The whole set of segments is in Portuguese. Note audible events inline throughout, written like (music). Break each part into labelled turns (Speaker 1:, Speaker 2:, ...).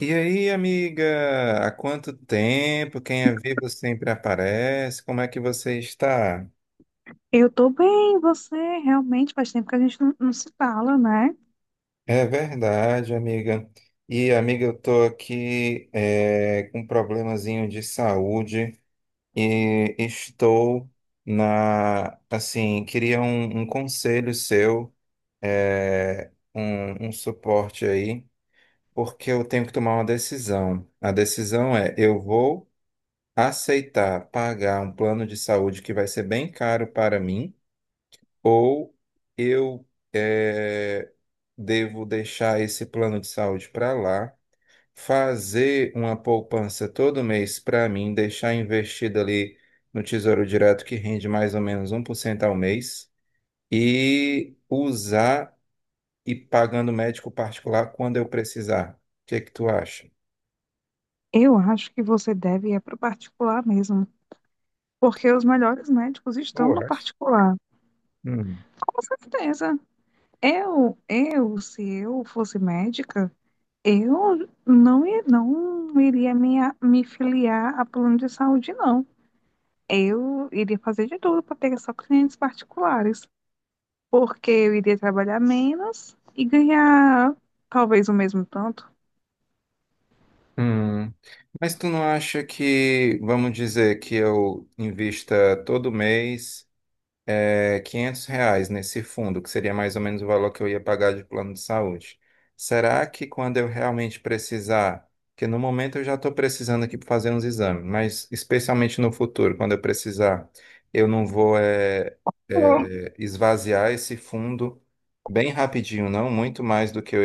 Speaker 1: E aí, amiga, há quanto tempo? Quem é vivo sempre aparece. Como é que você está?
Speaker 2: Eu tô bem, você realmente faz tempo que a gente não se fala, né?
Speaker 1: É verdade, amiga. E, amiga, eu estou aqui com um problemazinho de saúde e estou na, assim, queria um conselho seu, um suporte aí, porque eu tenho que tomar uma decisão. A decisão é, eu vou aceitar pagar um plano de saúde que vai ser bem caro para mim, ou eu eh, devo deixar esse plano de saúde para lá, fazer uma poupança todo mês para mim, deixar investido ali no Tesouro Direto, que rende mais ou menos 1% ao mês, e usar e pagando médico particular quando eu precisar. O que que tu acha?
Speaker 2: Eu acho que você deve ir para o particular mesmo, porque os melhores médicos estão
Speaker 1: Eu
Speaker 2: no particular.
Speaker 1: acho.
Speaker 2: Com certeza. Eu, se eu fosse médica, eu não iria me filiar a plano de saúde, não. Eu iria fazer de tudo para pegar só clientes particulares, porque eu iria trabalhar menos e ganhar talvez o mesmo tanto.
Speaker 1: Hum, mas tu não acha que, vamos dizer, que eu invista todo mês? R$ 500 nesse fundo, que seria mais ou menos o valor que eu ia pagar de plano de saúde. Será que quando eu realmente precisar, porque no momento eu já estou precisando aqui para fazer uns exames, mas especialmente no futuro, quando eu precisar, eu não vou esvaziar esse fundo bem rapidinho, não, muito mais do que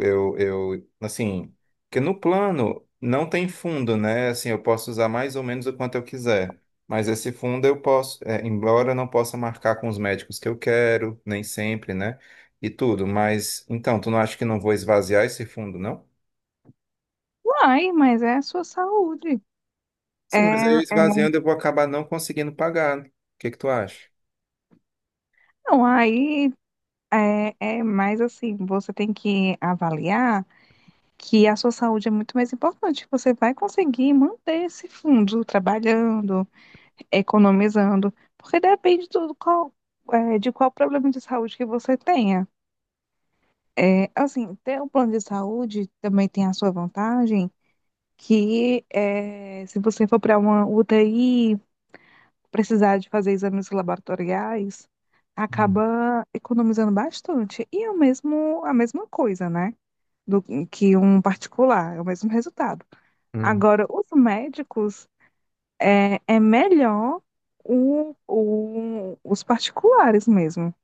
Speaker 1: eu, eu eu assim, porque no plano não tem fundo, né? Assim, eu posso usar mais ou menos o quanto eu quiser. Mas esse fundo eu posso, é, embora eu não possa marcar com os médicos que eu quero, nem sempre, né? E tudo, mas então, tu não acha que não vou esvaziar esse fundo, não?
Speaker 2: Ai, mas é a sua saúde. É,
Speaker 1: Sim, mas aí eu
Speaker 2: é-
Speaker 1: esvaziando eu vou acabar não conseguindo pagar. Né? O que que tu acha?
Speaker 2: não, aí é mais assim, você tem que avaliar que a sua saúde é muito mais importante. Você vai conseguir manter esse fundo trabalhando, economizando, porque depende de qual problema de saúde que você tenha. É, assim, ter um plano de saúde também tem a sua vantagem, que é, se você for para uma UTI precisar de fazer exames laboratoriais,
Speaker 1: Hum.
Speaker 2: acaba economizando bastante. E é o mesmo, a mesma coisa, né? Do que um particular, é o mesmo resultado.
Speaker 1: Hum,
Speaker 2: Agora, os médicos, é melhor os particulares mesmo.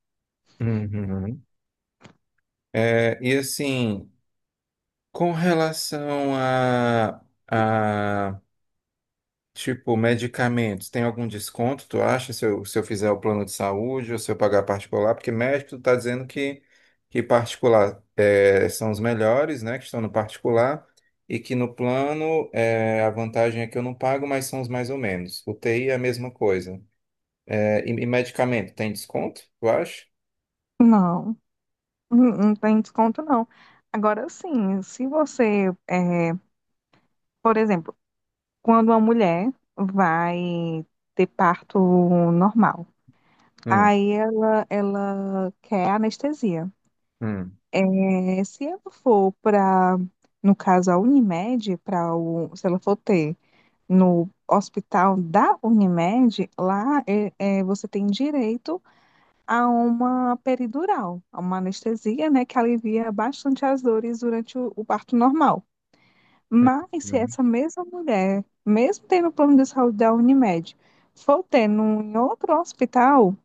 Speaker 1: hum, hum. É, e assim, com relação a, tipo, medicamentos, tem algum desconto, tu acha, se eu fizer o plano de saúde ou se eu pagar particular? Porque médico, tu tá dizendo que particular são os melhores, né, que estão no particular, e que no plano a vantagem é que eu não pago, mas são os mais ou menos. UTI é a mesma coisa. Eh, e medicamento, tem desconto, tu acha?
Speaker 2: Não, não tem desconto, não. Agora, sim, se você, por exemplo, quando uma mulher vai ter parto normal,
Speaker 1: Hum,
Speaker 2: aí ela quer anestesia.
Speaker 1: hum,
Speaker 2: É, se ela for para, no caso, a Unimed, se ela for ter no hospital da Unimed, lá você tem direito a uma peridural, a uma anestesia, né, que alivia bastante as dores durante o parto normal.
Speaker 1: hum,
Speaker 2: Mas se
Speaker 1: hum,
Speaker 2: essa mesma mulher, mesmo tendo o plano de saúde da Unimed, for ter em outro hospital,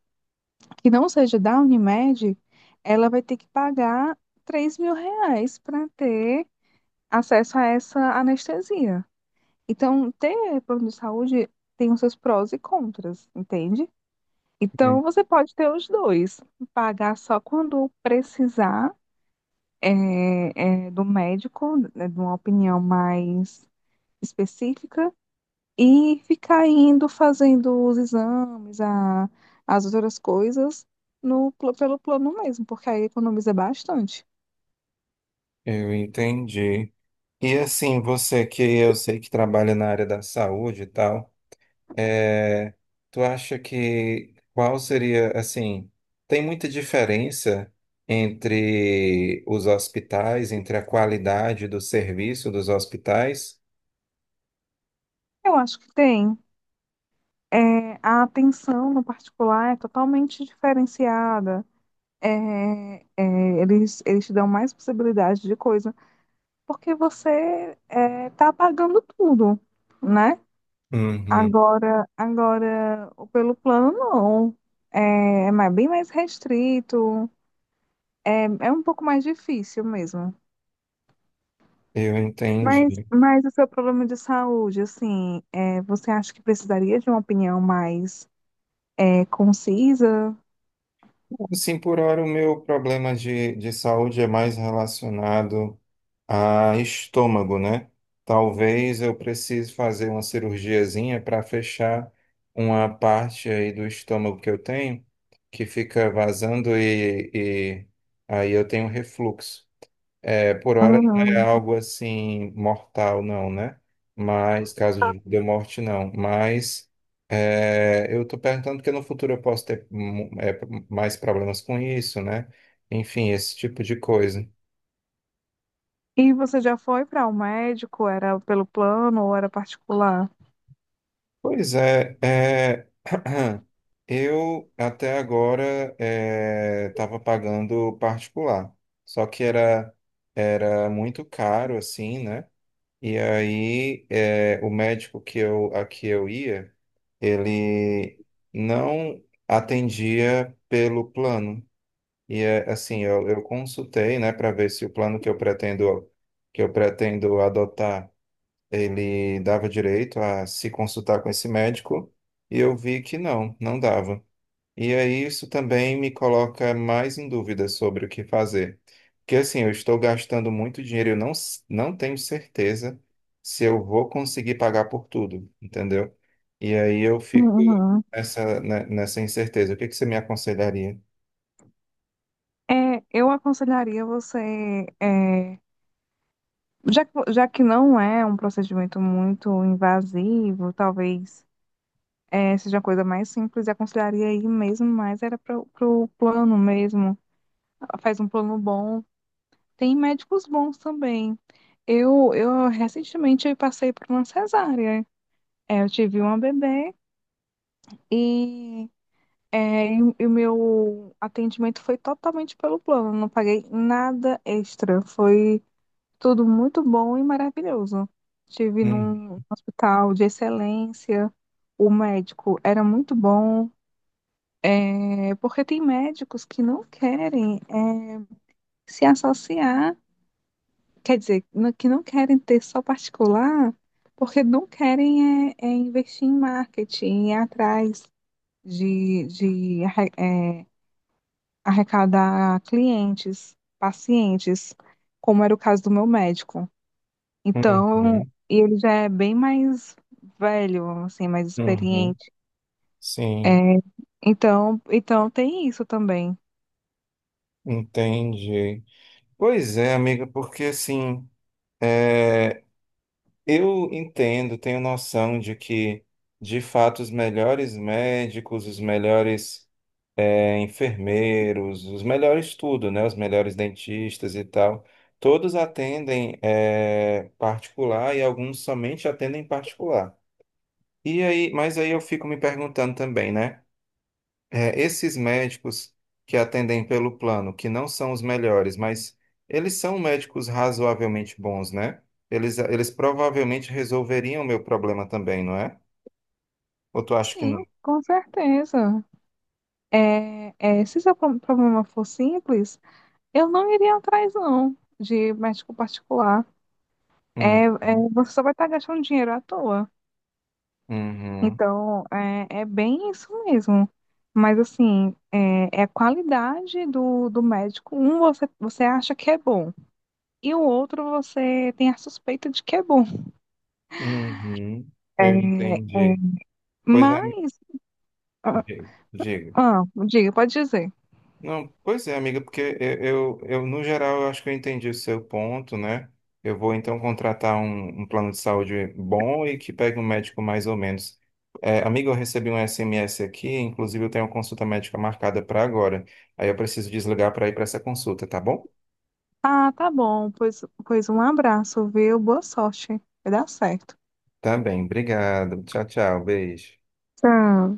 Speaker 2: que não seja da Unimed, ela vai ter que pagar R$ 3.000 para ter acesso a essa anestesia. Então, ter plano de saúde tem os seus prós e contras, entende?
Speaker 1: hum.
Speaker 2: Então, você pode ter os dois, pagar só quando precisar do médico, né, de uma opinião mais específica, e ficar indo fazendo os exames, as outras coisas no, pl- pelo plano mesmo, porque aí economiza bastante.
Speaker 1: Eu entendi. E assim, você que eu sei que trabalha na área da saúde e tal, é, tu acha que qual seria, assim, tem muita diferença entre os hospitais, entre a qualidade do serviço dos hospitais?
Speaker 2: Eu acho que tem. É, a atenção no particular é totalmente diferenciada. Eles te dão mais possibilidade de coisa, porque você tá pagando tudo, né?
Speaker 1: Uhum,
Speaker 2: Agora, o pelo plano, não. É, mas bem mais restrito. É um pouco mais difícil mesmo.
Speaker 1: eu
Speaker 2: Mas,
Speaker 1: entendi.
Speaker 2: mas o seu problema de saúde, assim, você acha que precisaria de uma opinião mais concisa?
Speaker 1: Assim, por hora, o meu problema de saúde é mais relacionado. Ah, estômago, né? Talvez eu precise fazer uma cirurgiazinha para fechar uma parte aí do estômago que eu tenho, que fica vazando e aí eu tenho refluxo. É, por hora não é
Speaker 2: Uhum.
Speaker 1: algo assim mortal, não, né? Mas, caso de morte, não. Mas é, eu estou perguntando porque no futuro eu posso ter mais problemas com isso, né? Enfim, esse tipo de coisa.
Speaker 2: E você já foi para o médico? Era pelo plano ou era particular?
Speaker 1: Pois é, é, (clears throat) eu até agora estava pagando particular, só que era, era muito caro assim, né? E aí é, o médico que eu, a que eu ia, ele não atendia pelo plano. E é, assim, eu consultei, né, para ver se o plano que eu pretendo adotar ele dava direito a se consultar com esse médico e eu vi que não, não dava. E aí isso também me coloca mais em dúvida sobre o que fazer. Porque assim, eu estou gastando muito dinheiro, eu não, s- não tenho certeza se eu vou conseguir pagar por tudo, entendeu? E aí eu fico
Speaker 2: Uhum.
Speaker 1: nessa, ne- nessa incerteza. O que que você me aconselharia?
Speaker 2: É, eu aconselharia você, já que não é um procedimento muito invasivo, talvez seja uma coisa mais simples, eu aconselharia aí mesmo, mas era para o plano mesmo. Faz um plano bom. Tem médicos bons também. Eu recentemente eu passei por uma cesárea. É, eu tive uma bebê e, é, e o meu atendimento foi totalmente pelo plano. Não paguei nada extra. Foi tudo muito bom e maravilhoso. Tive
Speaker 1: Hum,
Speaker 2: num hospital de excelência. O médico era muito bom. É, porque tem médicos que não querem, se associar. Quer dizer, que não querem ter só particular, porque não querem é investir em marketing, ir atrás de arrecadar clientes, pacientes, como era o caso do meu médico. Então,
Speaker 1: Uhum,
Speaker 2: e ele já é bem mais velho, assim, mais
Speaker 1: uhum.
Speaker 2: experiente. É,
Speaker 1: Sim,
Speaker 2: então tem isso também.
Speaker 1: entendi. Pois é, amiga, porque assim, é, eu entendo, tenho noção de que, de fato, os melhores médicos, os melhores enfermeiros, os melhores tudo, né? Os melhores dentistas e tal, todos atendem particular e alguns somente atendem particular. E aí, mas aí eu fico me perguntando também, né? É, esses médicos que atendem pelo plano, que não são os melhores, mas eles são médicos razoavelmente bons, né? Eles provavelmente resolveriam o meu problema também, não é? Ou tu acha que não?
Speaker 2: Sim, com certeza. Se seu problema for simples, eu não iria atrás, não, de médico particular.
Speaker 1: Hum,
Speaker 2: Você só vai estar gastando dinheiro à toa.
Speaker 1: uhum,
Speaker 2: Então, é bem isso mesmo. Mas, assim, é a qualidade do médico. Um você acha que é bom, e o outro você tem a suspeita de que é bom.
Speaker 1: uhum, eu
Speaker 2: É.
Speaker 1: entendi. Pois é,
Speaker 2: Mas, ah,
Speaker 1: diga.
Speaker 2: ah, diga, pode dizer.
Speaker 1: Não, pois é, amiga, porque no geral, eu acho que eu entendi o seu ponto, né? Eu vou então contratar um plano de saúde bom e que pegue um médico mais ou menos. É, amiga, eu recebi um SMS aqui, inclusive eu tenho uma consulta médica marcada para agora. Aí eu preciso desligar para ir para essa consulta, tá bom?
Speaker 2: Ah, tá bom, pois um abraço, viu? Boa sorte, vai dar certo.
Speaker 1: Tá bem, obrigado. Tchau, tchau, beijo.
Speaker 2: Tchau.